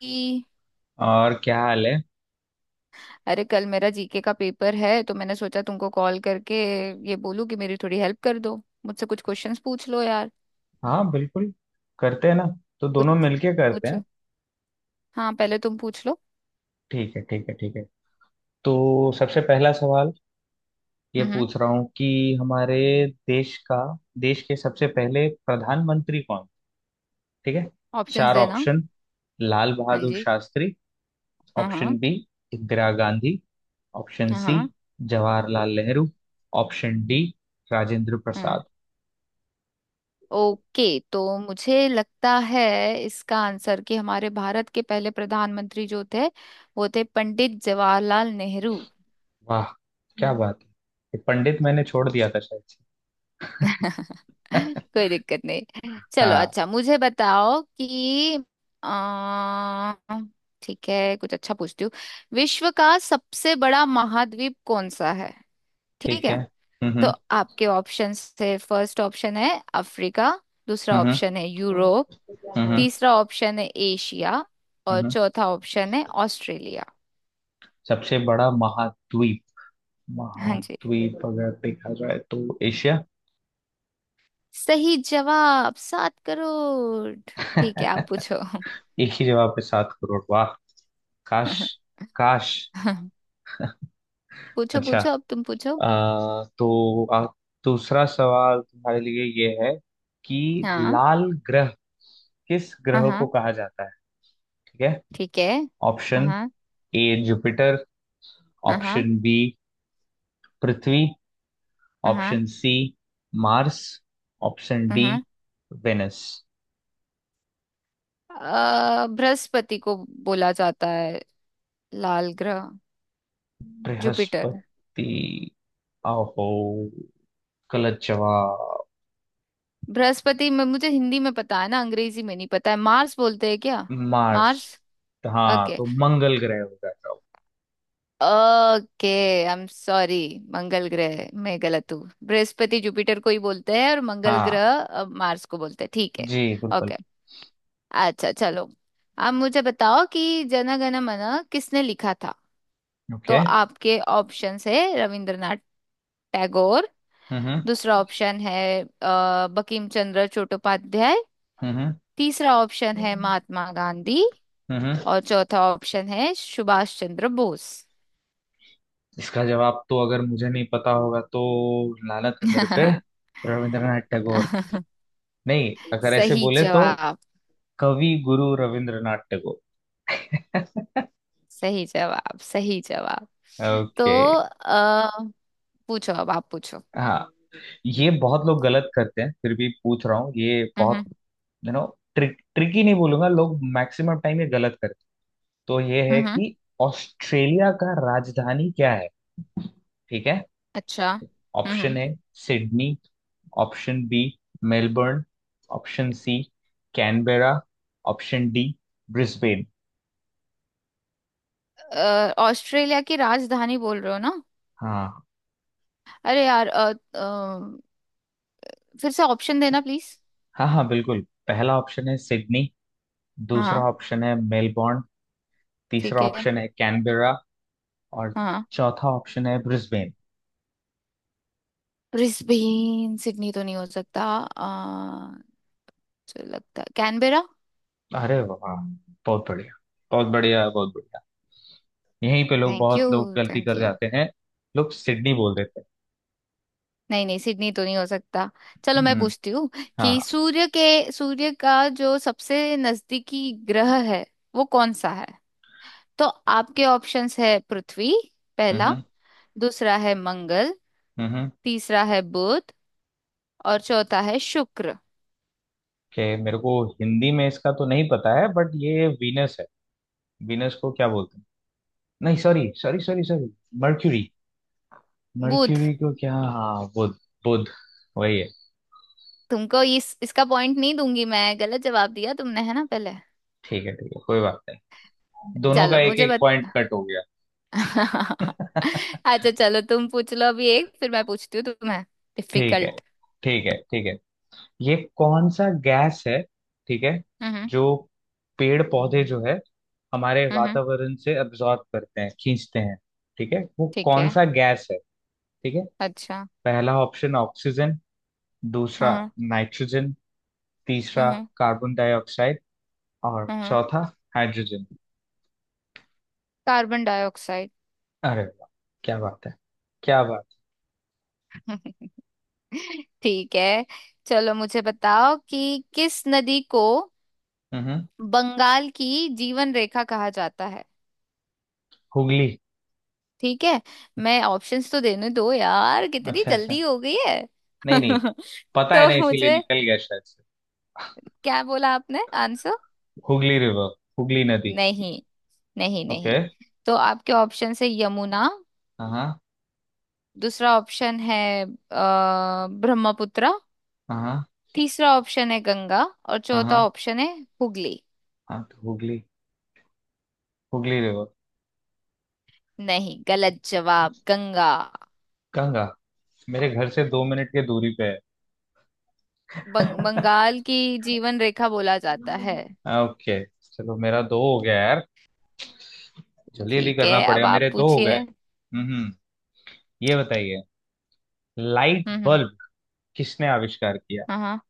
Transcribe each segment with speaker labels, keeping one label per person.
Speaker 1: कि
Speaker 2: और क्या हाल है?
Speaker 1: अरे कल मेरा जीके का पेपर है तो मैंने सोचा तुमको कॉल करके ये बोलूं कि मेरी थोड़ी हेल्प कर दो। मुझसे कुछ क्वेश्चंस पूछ लो यार।
Speaker 2: हाँ, बिल्कुल। करते हैं ना। तो
Speaker 1: कुछ
Speaker 2: दोनों मिलके करते हैं।
Speaker 1: पूछो। हाँ पहले तुम पूछ लो।
Speaker 2: ठीक है, ठीक है, ठीक है। तो सबसे पहला सवाल ये
Speaker 1: हम्म।
Speaker 2: पूछ रहा हूँ कि हमारे देश का, देश के सबसे पहले प्रधानमंत्री कौन। ठीक है।
Speaker 1: ऑप्शंस
Speaker 2: चार
Speaker 1: देना।
Speaker 2: ऑप्शन। लाल
Speaker 1: हाँ
Speaker 2: बहादुर
Speaker 1: जी।
Speaker 2: शास्त्री।
Speaker 1: हाँ हाँ।
Speaker 2: Option B, Indira Gandhi. Option
Speaker 1: हाँ
Speaker 2: सी,
Speaker 1: हाँ।
Speaker 2: जवाहरलाल नेहरू। ऑप्शन डी, राजेंद्र
Speaker 1: हाँ।
Speaker 2: प्रसाद।
Speaker 1: ओके, तो मुझे लगता है इसका आंसर कि हमारे भारत के पहले प्रधानमंत्री जो थे वो थे पंडित जवाहरलाल नेहरू।
Speaker 2: वाह, क्या बात है। ये पंडित मैंने छोड़ दिया था शायद से।
Speaker 1: कोई दिक्कत नहीं, चलो
Speaker 2: हाँ।
Speaker 1: अच्छा मुझे बताओ कि आ, ठीक है, कुछ अच्छा पूछती हूँ। विश्व का सबसे बड़ा महाद्वीप कौन सा है? ठीक
Speaker 2: ठीक है।
Speaker 1: है।
Speaker 2: हम्म,
Speaker 1: तो आपके ऑप्शंस है। फर्स्ट ऑप्शन है अफ्रीका। दूसरा
Speaker 2: हम्म,
Speaker 1: ऑप्शन है यूरोप।
Speaker 2: हम्म। हम्म,
Speaker 1: तीसरा ऑप्शन है एशिया। और
Speaker 2: हम्म।
Speaker 1: चौथा ऑप्शन है ऑस्ट्रेलिया।
Speaker 2: सबसे बड़ा महाद्वीप,
Speaker 1: हाँ जी।
Speaker 2: महाद्वीप अगर देखा जाए तो एशिया।
Speaker 1: सही जवाब। 7 करोड़। ठीक है आप पूछो।
Speaker 2: एक ही जवाब पे 7 करोड़, वाह। काश, काश।
Speaker 1: पूछो
Speaker 2: अच्छा।
Speaker 1: पूछो, अब तुम पूछो।
Speaker 2: आ, तो आ, दूसरा सवाल तुम्हारे लिए ये है कि
Speaker 1: हाँ
Speaker 2: लाल ग्रह, किस
Speaker 1: हाँ।
Speaker 2: ग्रह को
Speaker 1: हाँ,
Speaker 2: कहा जाता है। ठीक है।
Speaker 1: ठीक है।
Speaker 2: ऑप्शन
Speaker 1: हाँ
Speaker 2: ए, जुपिटर।
Speaker 1: हाँ। हाँ
Speaker 2: ऑप्शन बी, पृथ्वी।
Speaker 1: हाँ।
Speaker 2: Option C, Mars. ऑप्शन
Speaker 1: हाँ
Speaker 2: डी,
Speaker 1: हाँ।
Speaker 2: वेनस।
Speaker 1: बृहस्पति को बोला जाता है लाल ग्रह। जुपिटर।
Speaker 2: बृहस्पति? आहो, गलत जवाब।
Speaker 1: बृहस्पति में मुझे हिंदी में पता है ना, अंग्रेजी में नहीं पता है। मार्स बोलते हैं क्या?
Speaker 2: मार्स।
Speaker 1: मार्स।
Speaker 2: हाँ,
Speaker 1: ओके।
Speaker 2: तो मंगल ग्रह हो जाएगा वो।
Speaker 1: ओके। I am sorry. मंगल ग्रह मैं गलत हूँ। बृहस्पति जुपिटर को ही बोलते हैं और मंगल
Speaker 2: हाँ
Speaker 1: ग्रह मार्स को बोलते हैं, ठीक है।
Speaker 2: जी, बिल्कुल।
Speaker 1: ओके। अच्छा चलो, अब मुझे बताओ कि जन गण मन किसने लिखा था। तो
Speaker 2: ओके।
Speaker 1: आपके ऑप्शंस है रविंद्रनाथ टैगोर।
Speaker 2: हम्म,
Speaker 1: दूसरा ऑप्शन है बंकिम चंद्र चट्टोपाध्याय।
Speaker 2: हम्म।
Speaker 1: तीसरा ऑप्शन है
Speaker 2: हम्म,
Speaker 1: महात्मा गांधी।
Speaker 2: हम्म।
Speaker 1: और चौथा ऑप्शन है सुभाष चंद्र बोस।
Speaker 2: इसका जवाब तो अगर मुझे नहीं पता होगा तो लानत है मेरे पे। रविंद्रनाथ टैगोर। नहीं, अगर ऐसे
Speaker 1: सही
Speaker 2: बोले तो
Speaker 1: जवाब।
Speaker 2: कवि गुरु रविंद्रनाथ टैगोर।
Speaker 1: सही जवाब। सही जवाब। तो
Speaker 2: ओके।
Speaker 1: आ, पूछो, अब आप पूछो।
Speaker 2: हाँ, ये बहुत लोग गलत करते हैं, फिर भी पूछ रहा हूँ। ये बहुत,
Speaker 1: हम्म।
Speaker 2: यू नो ट्रिक, ट्रिकी नहीं बोलूंगा, लोग मैक्सिमम टाइम ये गलत करते हैं। तो ये है
Speaker 1: हम्म। हम्म।
Speaker 2: कि ऑस्ट्रेलिया का राजधानी क्या है। ठीक है।
Speaker 1: अच्छा। हम्म।
Speaker 2: ऑप्शन
Speaker 1: हम्म।
Speaker 2: A, Sydney. Option B, Melbourne. Option C, Canberra. Option D, Brisbane.
Speaker 1: Australia की राजधानी बोल रहे हो ना?
Speaker 2: हाँ,
Speaker 1: अरे यार, फिर से ऑप्शन देना प्लीज।
Speaker 2: हाँ। हाँ, बिल्कुल। पहला ऑप्शन है सिडनी,
Speaker 1: हाँ
Speaker 2: दूसरा
Speaker 1: हाँ।
Speaker 2: ऑप्शन है मेलबर्न, तीसरा
Speaker 1: ठीक है।
Speaker 2: ऑप्शन है कैनबेरा, और
Speaker 1: हाँ।
Speaker 2: चौथा ऑप्शन है ब्रिस्बेन।
Speaker 1: ब्रिस्बेन सिडनी तो नहीं हो सकता। जो लगता है कैनबेरा।
Speaker 2: अरे वाह, बहुत बढ़िया, बहुत बढ़िया, बहुत बढ़िया। यहीं पे लोग,
Speaker 1: थैंक
Speaker 2: बहुत
Speaker 1: यू।
Speaker 2: लोग गलती
Speaker 1: थैंक
Speaker 2: कर
Speaker 1: यू।
Speaker 2: जाते हैं। लोग सिडनी बोल देते हैं।
Speaker 1: नहीं नहीं, सिडनी तो नहीं हो सकता। चलो मैं
Speaker 2: हम्म।
Speaker 1: पूछती हूँ कि
Speaker 2: हाँ।
Speaker 1: सूर्य का जो सबसे नजदीकी ग्रह है वो कौन सा है? तो आपके ऑप्शंस है। पृथ्वी पहला।
Speaker 2: हम्म,
Speaker 1: दूसरा है मंगल।
Speaker 2: हम्म।
Speaker 1: तीसरा है बुध। और चौथा है शुक्र।
Speaker 2: कि मेरे को हिंदी में इसका तो नहीं पता है, बट ये वीनस है। वीनस को क्या बोलते हैं? नहीं, sorry sorry sorry sorry, Mercury.
Speaker 1: बुध।
Speaker 2: मर्क्यूरी को क्या, हाँ, बुध। बुध, वही है।
Speaker 1: तुमको इस इसका पॉइंट नहीं दूंगी, मैं। गलत जवाब दिया तुमने है ना पहले।
Speaker 2: ठीक है, ठीक है, कोई बात नहीं। दोनों का
Speaker 1: चलो
Speaker 2: एक
Speaker 1: मुझे
Speaker 2: एक
Speaker 1: बत
Speaker 2: पॉइंट कट हो गया।
Speaker 1: अच्छा चलो तुम पूछ लो अभी एक, फिर मैं पूछती हूँ तुम्हें
Speaker 2: ठीक है,
Speaker 1: डिफिकल्ट।
Speaker 2: ठीक है, ठीक है। ये कौन सा गैस है? ठीक है।
Speaker 1: हम्म।
Speaker 2: जो पेड़ पौधे जो है, हमारे
Speaker 1: हम्म।
Speaker 2: वातावरण से अब्जॉर्ब करते हैं, खींचते हैं, ठीक है, वो
Speaker 1: ठीक
Speaker 2: कौन
Speaker 1: है।
Speaker 2: सा गैस है? ठीक है।
Speaker 1: अच्छा।
Speaker 2: पहला ऑप्शन ऑक्सीजन, दूसरा
Speaker 1: हम्म।
Speaker 2: नाइट्रोजन, तीसरा
Speaker 1: हम्म।
Speaker 2: कार्बन डाइऑक्साइड, और
Speaker 1: हम्म।
Speaker 2: चौथा हाइड्रोजन।
Speaker 1: Carbon dioxide.
Speaker 2: अरे वाह, क्या बात है, क्या बात।
Speaker 1: ठीक है, चलो मुझे बताओ कि किस नदी को
Speaker 2: हम्म।
Speaker 1: बंगाल की जीवन रेखा कहा जाता है?
Speaker 2: हुगली।
Speaker 1: ठीक है। मैं ऑप्शंस तो देने दो यार, कितनी
Speaker 2: अच्छा, अच्छा।
Speaker 1: जल्दी हो गई है।
Speaker 2: नहीं, नहीं, पता है
Speaker 1: तो
Speaker 2: ना इसीलिए
Speaker 1: मुझे,
Speaker 2: निकल गया शायद से।
Speaker 1: क्या बोला आपने आंसर?
Speaker 2: हुगली रिवर, हुगली नदी।
Speaker 1: नहीं। नहीं
Speaker 2: ओके।
Speaker 1: नहीं। तो आपके ऑप्शन है यमुना।
Speaker 2: हाँ, हाँ।
Speaker 1: दूसरा ऑप्शन है ब्रह्मपुत्र।
Speaker 2: हाँ,
Speaker 1: तीसरा ऑप्शन है गंगा। और चौथा
Speaker 2: हाँ।
Speaker 1: ऑप्शन है हुगली।
Speaker 2: हाँ तो हुगली, हुगली रिवर।
Speaker 1: नहीं, गलत जवाब। गंगा।
Speaker 2: गंगा मेरे घर से 2 मिनट की दूरी पे है।
Speaker 1: बंगाल की जीवन रेखा बोला जाता है।
Speaker 2: ओके। चलो, मेरा दो हो गया यार, जल्दी जल्दी
Speaker 1: ठीक है,
Speaker 2: करना
Speaker 1: अब
Speaker 2: पड़ेगा,
Speaker 1: आप
Speaker 2: मेरे दो हो गए।
Speaker 1: पूछिए।
Speaker 2: हम्म। ये बताइए, लाइट
Speaker 1: हम्म। हम्म।
Speaker 2: बल्ब किसने आविष्कार किया?
Speaker 1: हाँ हाँ।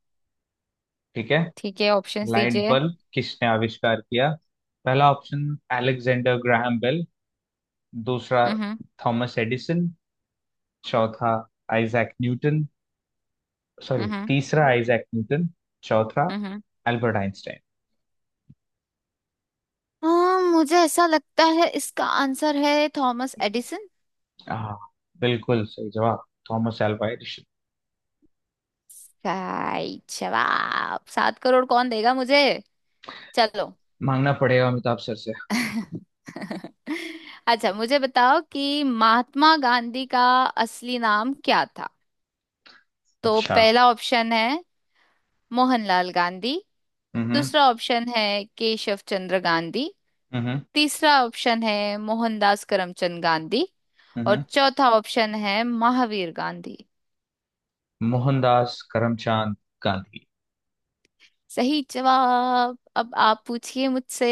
Speaker 2: ठीक है।
Speaker 1: ठीक है, ऑप्शंस
Speaker 2: लाइट
Speaker 1: दीजिए।
Speaker 2: बल्ब किसने आविष्कार किया? पहला ऑप्शन अलेक्जेंडर ग्राहम बेल, दूसरा
Speaker 1: हम्म।
Speaker 2: थॉमस एडिसन, चौथा आइजैक न्यूटन, सॉरी
Speaker 1: हम्म।
Speaker 2: तीसरा आइजैक न्यूटन, चौथा
Speaker 1: हम्म।
Speaker 2: Albert Einstein.
Speaker 1: हाँ मुझे ऐसा लगता है इसका आंसर है थॉमस एडिसन।
Speaker 2: हाँ, बिल्कुल सही जवाब, थॉमस एल्वा एडिशन।
Speaker 1: सही जवाब। सात करोड़ कौन देगा मुझे? चलो।
Speaker 2: मांगना पड़ेगा अमिताभ सर से।
Speaker 1: अच्छा मुझे बताओ कि महात्मा गांधी का असली नाम क्या था। तो
Speaker 2: अच्छा।
Speaker 1: पहला ऑप्शन है मोहनलाल गांधी।
Speaker 2: हम्म।
Speaker 1: दूसरा ऑप्शन है केशव चंद्र गांधी।
Speaker 2: हम्म।
Speaker 1: तीसरा ऑप्शन है मोहनदास करमचंद गांधी। और
Speaker 2: हम्म।
Speaker 1: चौथा ऑप्शन है महावीर गांधी।
Speaker 2: मोहनदास करमचंद गांधी।
Speaker 1: सही जवाब। अब आप पूछिए मुझसे।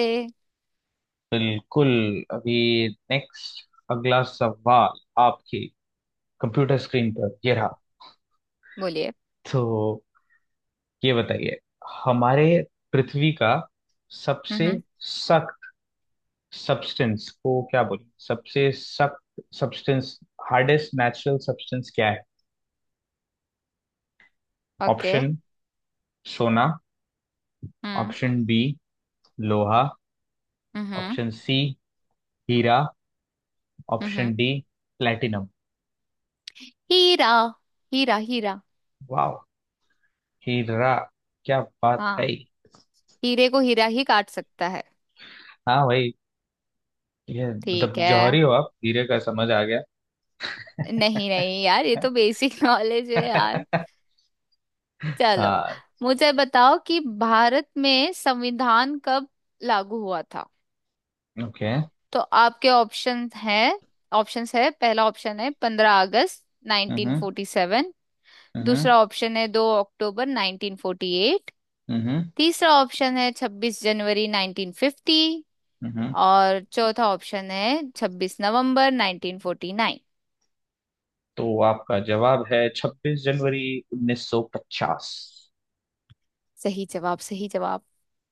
Speaker 2: बिल्कुल। अभी नेक्स्ट, अगला सवाल आपकी कंप्यूटर स्क्रीन पर ये रहा।
Speaker 1: बोलिए।
Speaker 2: तो ये बताइए, हमारे पृथ्वी का सबसे
Speaker 1: हम्म।
Speaker 2: सख्त सब्सटेंस को क्या बोलें, सबसे सख्त सब्सटेंस, हार्डेस्ट नेचुरल सब्सटेंस क्या है?
Speaker 1: ओके।
Speaker 2: ऑप्शन, सोना।
Speaker 1: हम्म।
Speaker 2: ऑप्शन बी, लोहा।
Speaker 1: हम्म।
Speaker 2: ऑप्शन सी, हीरा। ऑप्शन
Speaker 1: हम्म।
Speaker 2: D, platinum.
Speaker 1: हीरा। हीरा हीरा।
Speaker 2: वाह, हीरा, क्या बात है।
Speaker 1: हाँ, हीरे को हीरा ही काट सकता है।
Speaker 2: हाँ भाई, ये
Speaker 1: ठीक
Speaker 2: मतलब
Speaker 1: है।
Speaker 2: जौहरी हो आप, हीरे का समझ आ गया।
Speaker 1: नहीं नहीं यार, ये तो बेसिक नॉलेज है यार। चलो
Speaker 2: हाँ।
Speaker 1: मुझे बताओ कि भारत में संविधान कब लागू हुआ था?
Speaker 2: ओके।
Speaker 1: तो आपके ऑप्शन है ऑप्शंस है। पहला ऑप्शन है 15 अगस्त
Speaker 2: हम्म,
Speaker 1: 1947।
Speaker 2: हम्म।
Speaker 1: दूसरा ऑप्शन है 2 अक्टूबर 1948।
Speaker 2: हम्म,
Speaker 1: तीसरा ऑप्शन है 26 जनवरी 1950।
Speaker 2: हम्म।
Speaker 1: और चौथा ऑप्शन है 26 नवंबर 1949।
Speaker 2: तो आपका जवाब है 26 जनवरी 1950।
Speaker 1: सही जवाब। सही जवाब।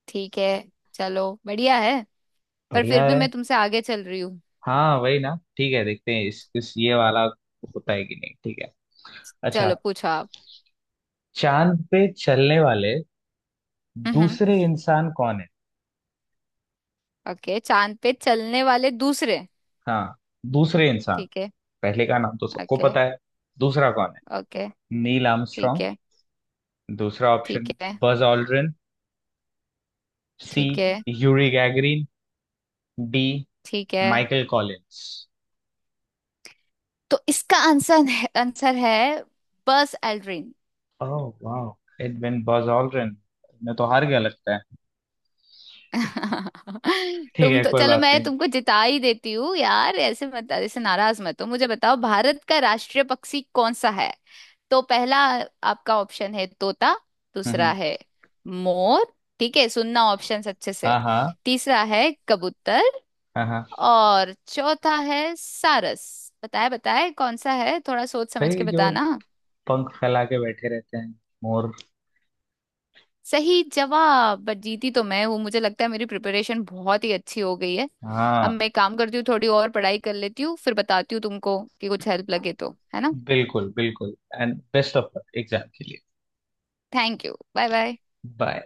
Speaker 1: ठीक है, चलो बढ़िया है। पर फिर
Speaker 2: बढ़िया आ
Speaker 1: भी
Speaker 2: रहा
Speaker 1: मैं
Speaker 2: है।
Speaker 1: तुमसे आगे चल रही हूँ।
Speaker 2: हाँ वही ना, ठीक है, देखते हैं इस ये वाला होता है कि नहीं, ठीक है। अच्छा।
Speaker 1: चलो पूछो आप।
Speaker 2: चांद पे चलने वाले
Speaker 1: हम्म।
Speaker 2: दूसरे इंसान कौन है?
Speaker 1: ओके, चांद पे चलने वाले दूसरे।
Speaker 2: हाँ, दूसरे इंसान।
Speaker 1: ठीक है।
Speaker 2: पहले का नाम तो सबको
Speaker 1: ओके।
Speaker 2: पता है, दूसरा कौन है?
Speaker 1: ओके।
Speaker 2: नील
Speaker 1: ठीक
Speaker 2: आर्मस्ट्रॉन्ग,
Speaker 1: है।
Speaker 2: दूसरा ऑप्शन
Speaker 1: ठीक है।
Speaker 2: बज ऑल्ड्रिन, सी
Speaker 1: ठीक है।
Speaker 2: यूरी गैगरिन, डी
Speaker 1: ठीक है।
Speaker 2: Michael Collins.
Speaker 1: तो इसका आंसर है, आंसर है बस एल्ड्रिन।
Speaker 2: ओह वाह, इट बिन बज ऑल्ड्रिन। मैं तो हार गया लगता है। ठीक
Speaker 1: तुम
Speaker 2: है,
Speaker 1: तो
Speaker 2: कोई
Speaker 1: चलो,
Speaker 2: बात
Speaker 1: मैं
Speaker 2: नहीं।
Speaker 1: तुमको जिता ही देती हूँ यार। ऐसे मत, ऐसे नाराज मत हो। मुझे बताओ भारत का राष्ट्रीय पक्षी कौन सा है? तो पहला आपका ऑप्शन है तोता।
Speaker 2: हम्म,
Speaker 1: दूसरा
Speaker 2: हम्म।
Speaker 1: है मोर। ठीक है, सुनना ऑप्शंस अच्छे से।
Speaker 2: हाँ, हाँ।
Speaker 1: तीसरा है कबूतर।
Speaker 2: हाँ, हाँ।
Speaker 1: और चौथा है सारस। बताए बताए कौन सा है, थोड़ा सोच समझ
Speaker 2: भाई
Speaker 1: के
Speaker 2: जो
Speaker 1: बताना।
Speaker 2: पंख फैला के बैठे रहते हैं, मोर।
Speaker 1: सही जवाब। बट जीती तो मैं हूँ। मुझे लगता है मेरी प्रिपरेशन बहुत ही अच्छी हो गई है। अब
Speaker 2: हाँ,
Speaker 1: मैं एक काम करती हूँ, थोड़ी और पढ़ाई कर लेती हूँ, फिर बताती हूँ तुमको कि कुछ हेल्प लगे तो, है ना?
Speaker 2: बिल्कुल बिल्कुल। And best of luck exam के लिए।
Speaker 1: Thank you. Bye bye.
Speaker 2: Bye.